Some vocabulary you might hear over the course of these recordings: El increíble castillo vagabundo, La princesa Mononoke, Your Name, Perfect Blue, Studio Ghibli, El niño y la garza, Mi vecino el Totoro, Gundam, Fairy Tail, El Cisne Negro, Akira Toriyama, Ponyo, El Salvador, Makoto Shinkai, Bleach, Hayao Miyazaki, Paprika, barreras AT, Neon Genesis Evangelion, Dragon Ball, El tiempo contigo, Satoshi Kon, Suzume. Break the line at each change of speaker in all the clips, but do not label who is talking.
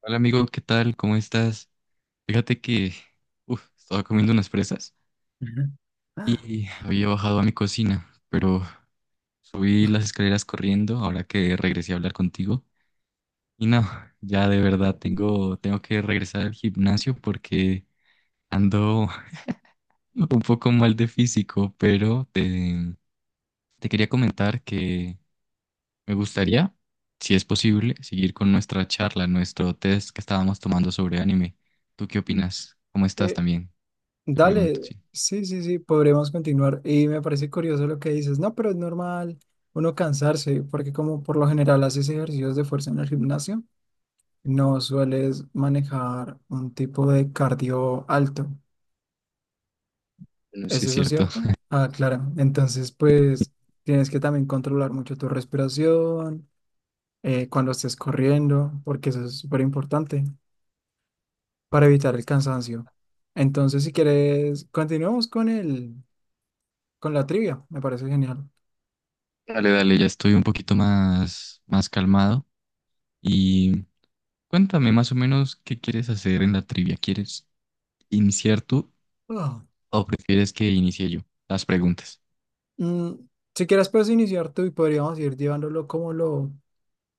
Hola amigo, ¿qué tal? ¿Cómo estás? Fíjate que uf, estaba comiendo unas fresas
Ujú.
y había bajado a mi cocina, pero subí las escaleras corriendo ahora que regresé a hablar contigo. Y no, ya de verdad tengo que regresar al gimnasio porque ando un poco mal de físico, pero te quería comentar que me gustaría, si es posible, seguir con nuestra charla, nuestro test que estábamos tomando sobre anime. ¿Tú qué opinas? ¿Cómo estás
Eh,
también? Te pregunto,
dale,
sí.
sí, sí, sí, podremos continuar. Y me parece curioso lo que dices. No, pero es normal uno cansarse, porque como por lo general haces ejercicios de fuerza en el gimnasio, no sueles manejar un tipo de cardio alto.
Bueno, sí
¿Es
es
eso
cierto.
cierto? Ah, claro. Entonces, pues tienes que también controlar mucho tu respiración, cuando estés corriendo, porque eso es súper importante para evitar el cansancio. Entonces, si quieres, continuamos con él, con la trivia. Me parece genial.
Dale, dale, ya estoy un poquito más calmado. Y cuéntame más o menos qué quieres hacer en la trivia. ¿Quieres iniciar tú
Ah,
o prefieres que inicie yo las preguntas?
mm, si quieres, puedes iniciar tú y podríamos ir llevándolo como lo,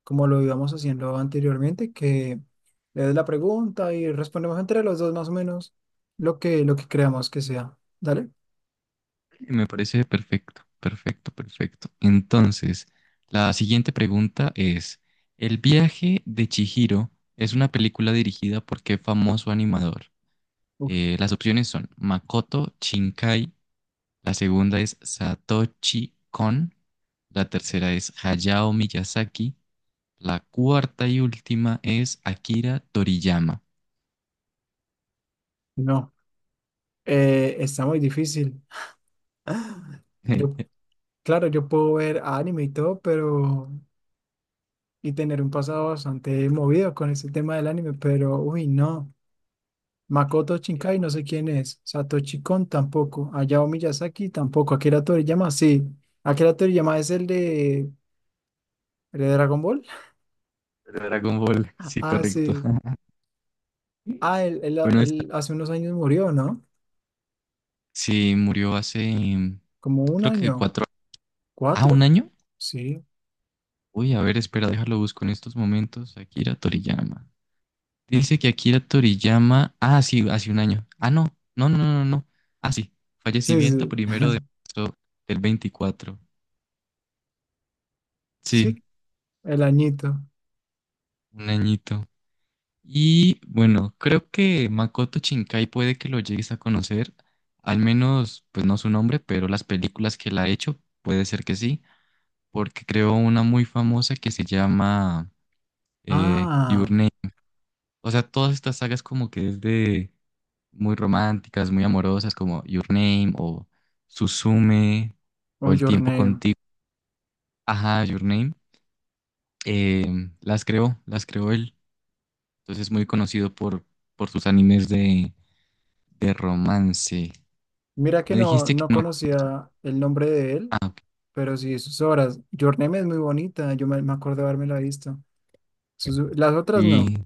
como lo íbamos haciendo anteriormente, que le des la pregunta y respondemos entre los dos más o menos lo que creamos que sea. Dale.
Me parece perfecto, perfecto, perfecto. Entonces, la siguiente pregunta es, ¿el viaje de Chihiro es una película dirigida por qué famoso animador?
Uf,
Las opciones son Makoto Shinkai. La segunda es Satoshi Kon. La tercera es Hayao Miyazaki. La cuarta y última es Akira Toriyama.
no, está muy difícil. Yo, claro, yo puedo ver anime y todo, pero y tener un pasado bastante movido con ese tema del anime, pero uy, no. Makoto Shinkai, no sé quién es. Satoshi Kon tampoco. Hayao Miyazaki tampoco. Akira Toriyama, sí. Akira Toriyama es el de Dragon Ball.
Dragon Ball, sí,
Ah,
correcto.
sí. Ah, él, él-
Bueno, esta
él hace unos años murió, ¿no?
sí murió hace,
Como un
creo que
año.
cuatro, un
¿Cuatro?
año.
Sí.
Uy, a ver, espera, déjalo busco en estos momentos. Akira Toriyama. Dice que Akira Toriyama, ah, sí, hace un año. Ah, no, no, no, no, no, no. Ah, sí,
Sí,
fallecimiento
sí.
1 de marzo del 24. Sí,
Sí, el añito.
un añito. Y bueno, creo que Makoto Shinkai puede que lo llegues a conocer, al menos, pues no su nombre, pero las películas que él ha hecho, puede ser que sí, porque creó una muy famosa que se llama Your
Ah,
Name. O sea, todas estas sagas como que es de muy románticas, muy amorosas, como Your Name o Suzume o
oh,
El
Your
tiempo
Name.
contigo. Ajá, Your Name. eh, las creó él. Entonces es muy conocido por sus animes de romance.
Mira que
Me
no,
dijiste que
no
no conoces.
conocía el nombre de
Ah,
él,
ok.
pero sí sus obras. Your Name es muy bonita. Yo me acuerdo de haberme la visto. Sus- las otras no.
Sí,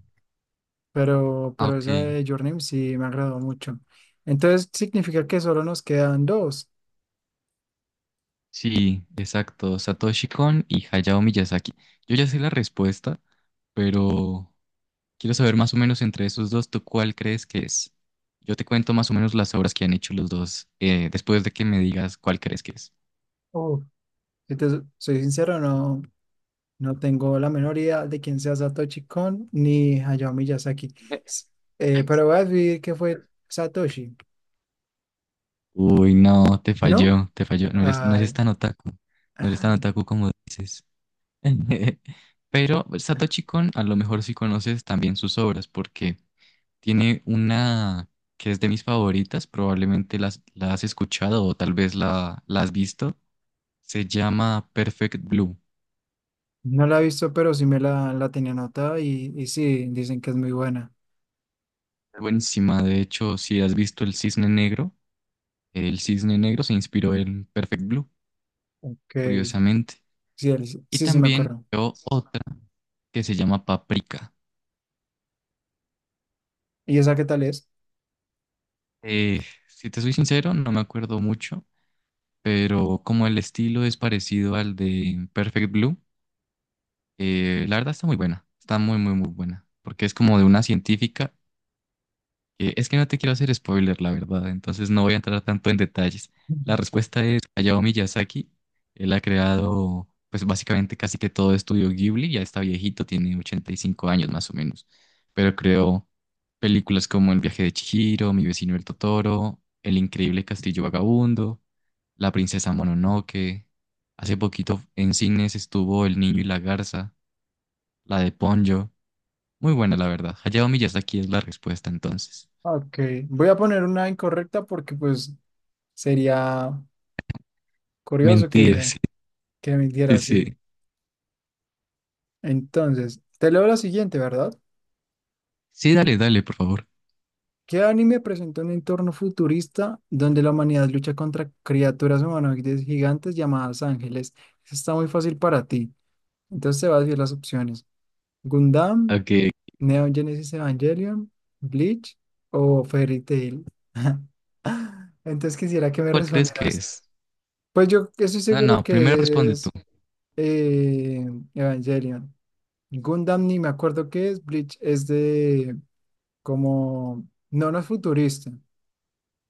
ah,
Pero
ok.
esa de Your Name sí me agradó mucho. Entonces significa que solo nos quedan dos.
Sí, exacto. Satoshi Kon y Hayao Miyazaki. Yo ya sé la respuesta, pero quiero saber más o menos entre esos dos, ¿tú cuál crees que es? Yo te cuento más o menos las obras que han hecho los dos, después de que me digas cuál crees que es.
Uf, si te so- soy sincero, no, no tengo la menor idea de quién sea Satoshi Kon ni Hayao Miyazaki. S- pero voy a decir que fue Satoshi,
Uy, no, te
¿no?
falló, te falló. No eres, no
Ay,
eres tan otaku. No eres tan
ah,
otaku como dices. Pero Satoshi Kon, a lo mejor sí conoces también sus obras, porque tiene una que es de mis favoritas, probablemente la has escuchado o tal vez la has visto. Se llama Perfect Blue.
no la he visto, pero sí me la tenía anotada y sí, dicen que es muy buena.
Buenísima, de hecho, si has visto el Cisne Negro se inspiró en Perfect Blue,
Que
curiosamente.
sí, él-
Y
sí, sí me
también
acuerdo.
creó otra que se llama Paprika.
¿Y esa qué tal es?
Eh, si te soy sincero, no me acuerdo mucho, pero como el estilo es parecido al de Perfect Blue, la verdad está muy buena, está muy, muy, muy buena, porque es como de una científica. Es que no te quiero hacer spoiler, la verdad, entonces no voy a entrar tanto en detalles.
Ujú.
La respuesta es Hayao Miyazaki. Él ha creado, pues básicamente casi que todo estudio Ghibli, ya está viejito, tiene 85 años más o menos, pero creó películas como El viaje de Chihiro, Mi vecino el Totoro, El increíble castillo vagabundo, La princesa Mononoke. Hace poquito en cines estuvo El niño y la garza, la de Ponyo. Muy buena, la verdad. Hayao Miyazaki es la respuesta entonces.
Ok, voy a poner una incorrecta porque pues sería curioso
Mentir.
que mintiera
Sí, sí.
así. Entonces, te leo la siguiente, ¿verdad?
Sí, dale, dale, por favor.
¿Qué anime presenta un entorno futurista donde la humanidad lucha contra criaturas humanoides gigantes llamadas ángeles? Eso está muy fácil para ti. Entonces te vas a decir las opciones. Gundam,
Okay.
Neon Genesis Evangelion, Bleach o Fairy Tail. Entonces quisiera que me
¿Cuál crees que
respondieras.
es?
Pues yo estoy
No,
seguro
no, primero
que
responde tú.
es eh, Evangelion. Gundam ni me acuerdo qué es. Bleach es de como... No, no es futurista.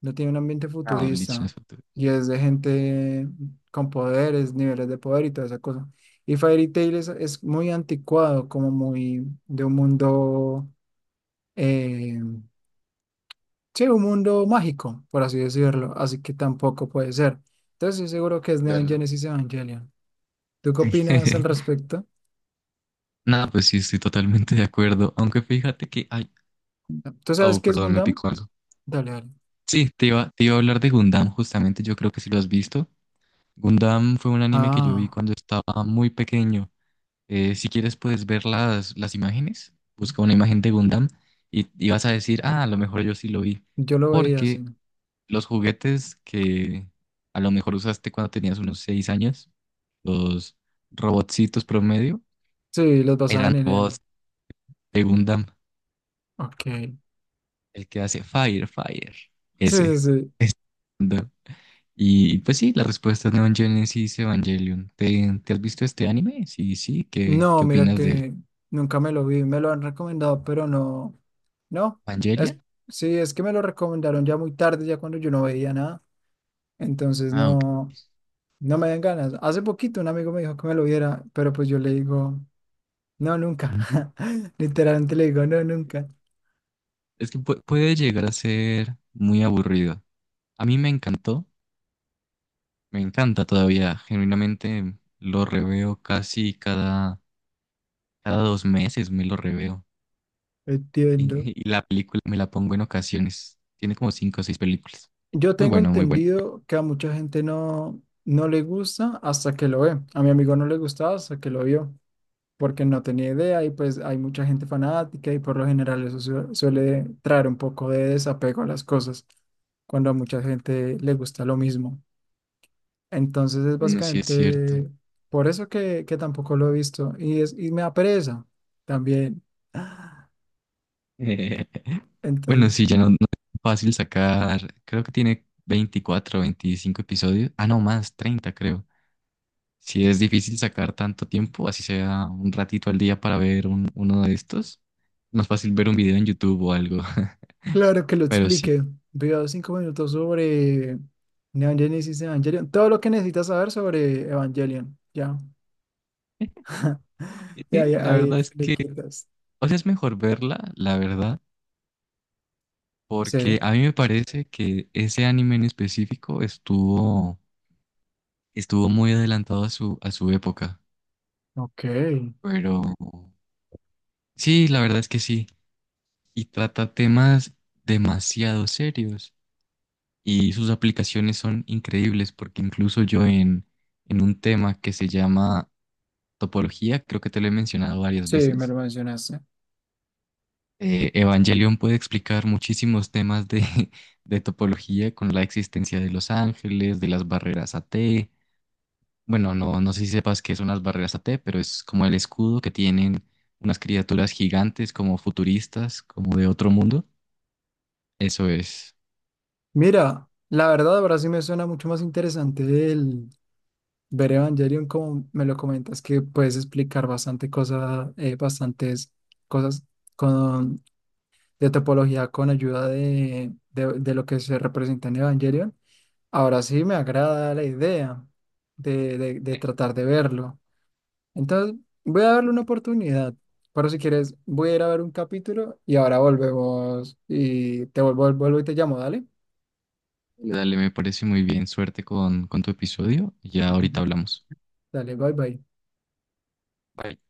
No tiene un ambiente
No, Bleach no
futurista.
es factura.
Y es de gente con poderes, niveles de poder y toda esa cosa. Y Fairy Tail es muy anticuado, como muy de un mundo... eh, sí, un mundo mágico, por así decirlo. Así que tampoco puede ser. Entonces estoy seguro que es Neon
Claro.
Genesis Evangelion. ¿Tú qué opinas al respecto?
No, pues sí, estoy totalmente de acuerdo. Aunque fíjate que. Ay,
¿Tú sabes
oh,
qué es
perdón, me
Gundam?
picó algo.
Dale, dale.
Sí, te iba a hablar de Gundam, justamente, yo creo que sí lo has visto. Gundam fue un anime que yo vi
Ah.
cuando estaba muy pequeño. Si quieres puedes ver las imágenes, busca una imagen de Gundam y vas a decir, ah, a lo mejor yo sí lo vi.
Yo lo veía
Porque
así.
los juguetes que a lo mejor usaste cuando tenías unos 6 años, los robotcitos promedio,
Sí, los
eran
basaban en él.
robots de Gundam,
Ok. Sí,
el que hace Fire, Fire,
sí,
ese.
sí.
Ese Gundam. Y pues sí, la respuesta es Neon Genesis Evangelion. ¿Te has visto este anime? Sí, sí, ¿qué,
No,
qué
mira
opinas de
que nunca me lo vi. Me lo han recomendado, pero no. No.
Evangelion?
Es, sí, es que me lo recomendaron ya muy tarde, ya cuando yo no veía nada. Entonces
Ah, ok.
no, no me dan ganas. Hace poquito un amigo me dijo que me lo viera, pero pues yo le digo, no, nunca.
Mm.
Literalmente le digo, no, nunca.
Es que puede llegar a ser muy aburrido. A mí me encantó, me encanta todavía, genuinamente lo reveo casi cada Cada 2 meses me lo reveo.
Entiendo.
Y la película me la pongo en ocasiones. Tiene como cinco o seis películas.
Yo
Muy
tengo
bueno, muy bueno.
entendido que a mucha gente no le gusta hasta que lo ve. A mi amigo no le gustaba hasta que lo vio, porque no tenía idea y pues hay mucha gente fanática y por lo general eso su- suele traer un poco de desapego a las cosas cuando a mucha gente le gusta lo mismo. Entonces es
Bueno, sí es cierto.
básicamente por eso que tampoco lo he visto y me da pereza también.
Bueno,
Entonces...
sí, ya no es fácil sacar. Creo que tiene 24 o 25 episodios. Ah, no, más, 30 creo. Si es difícil sacar tanto tiempo, así sea un ratito al día para ver uno de estos. Más fácil ver un video en YouTube o algo.
Claro que lo
Pero sí.
explique. Video 5 minutos sobre Neon Genesis Evangelion. Todo lo que necesitas saber sobre Evangelion. Ya. Ya,
Sí,
ya,
la
ahí
verdad es
le
que,
quitas.
o sea, es mejor verla, la verdad, porque
Sí.
a mí me parece que ese anime en específico estuvo, estuvo muy adelantado a su época.
Ok.
Pero sí, la verdad es que sí. Y trata temas demasiado serios. Y sus aplicaciones son increíbles porque incluso yo en un tema que se llama topología, creo que te lo he mencionado varias
Sí, me
veces,
lo mencionaste.
Evangelion puede explicar muchísimos temas de, de topología con la existencia de los ángeles, de las barreras AT. Bueno, no, no sé si sepas que son las barreras a T, pero es como el escudo que tienen unas criaturas gigantes, como futuristas, como de otro mundo. Eso es.
Mira, la verdad ahora sí me suena mucho más interesante el ver Evangelion como me lo comentas, que puedes explicar bastante cosas, bastantes cosas con, de topología con ayuda de lo que se representa en Evangelion. Ahora sí me agrada la idea de tratar de verlo. Entonces, voy a darle una oportunidad. Pero si quieres, voy a ir a ver un capítulo y ahora volvemos y te vuelvo y te llamo, dale.
Dale, me parece muy bien. Suerte con tu episodio. Ya ahorita hablamos.
Dale, bye bye.
Bye.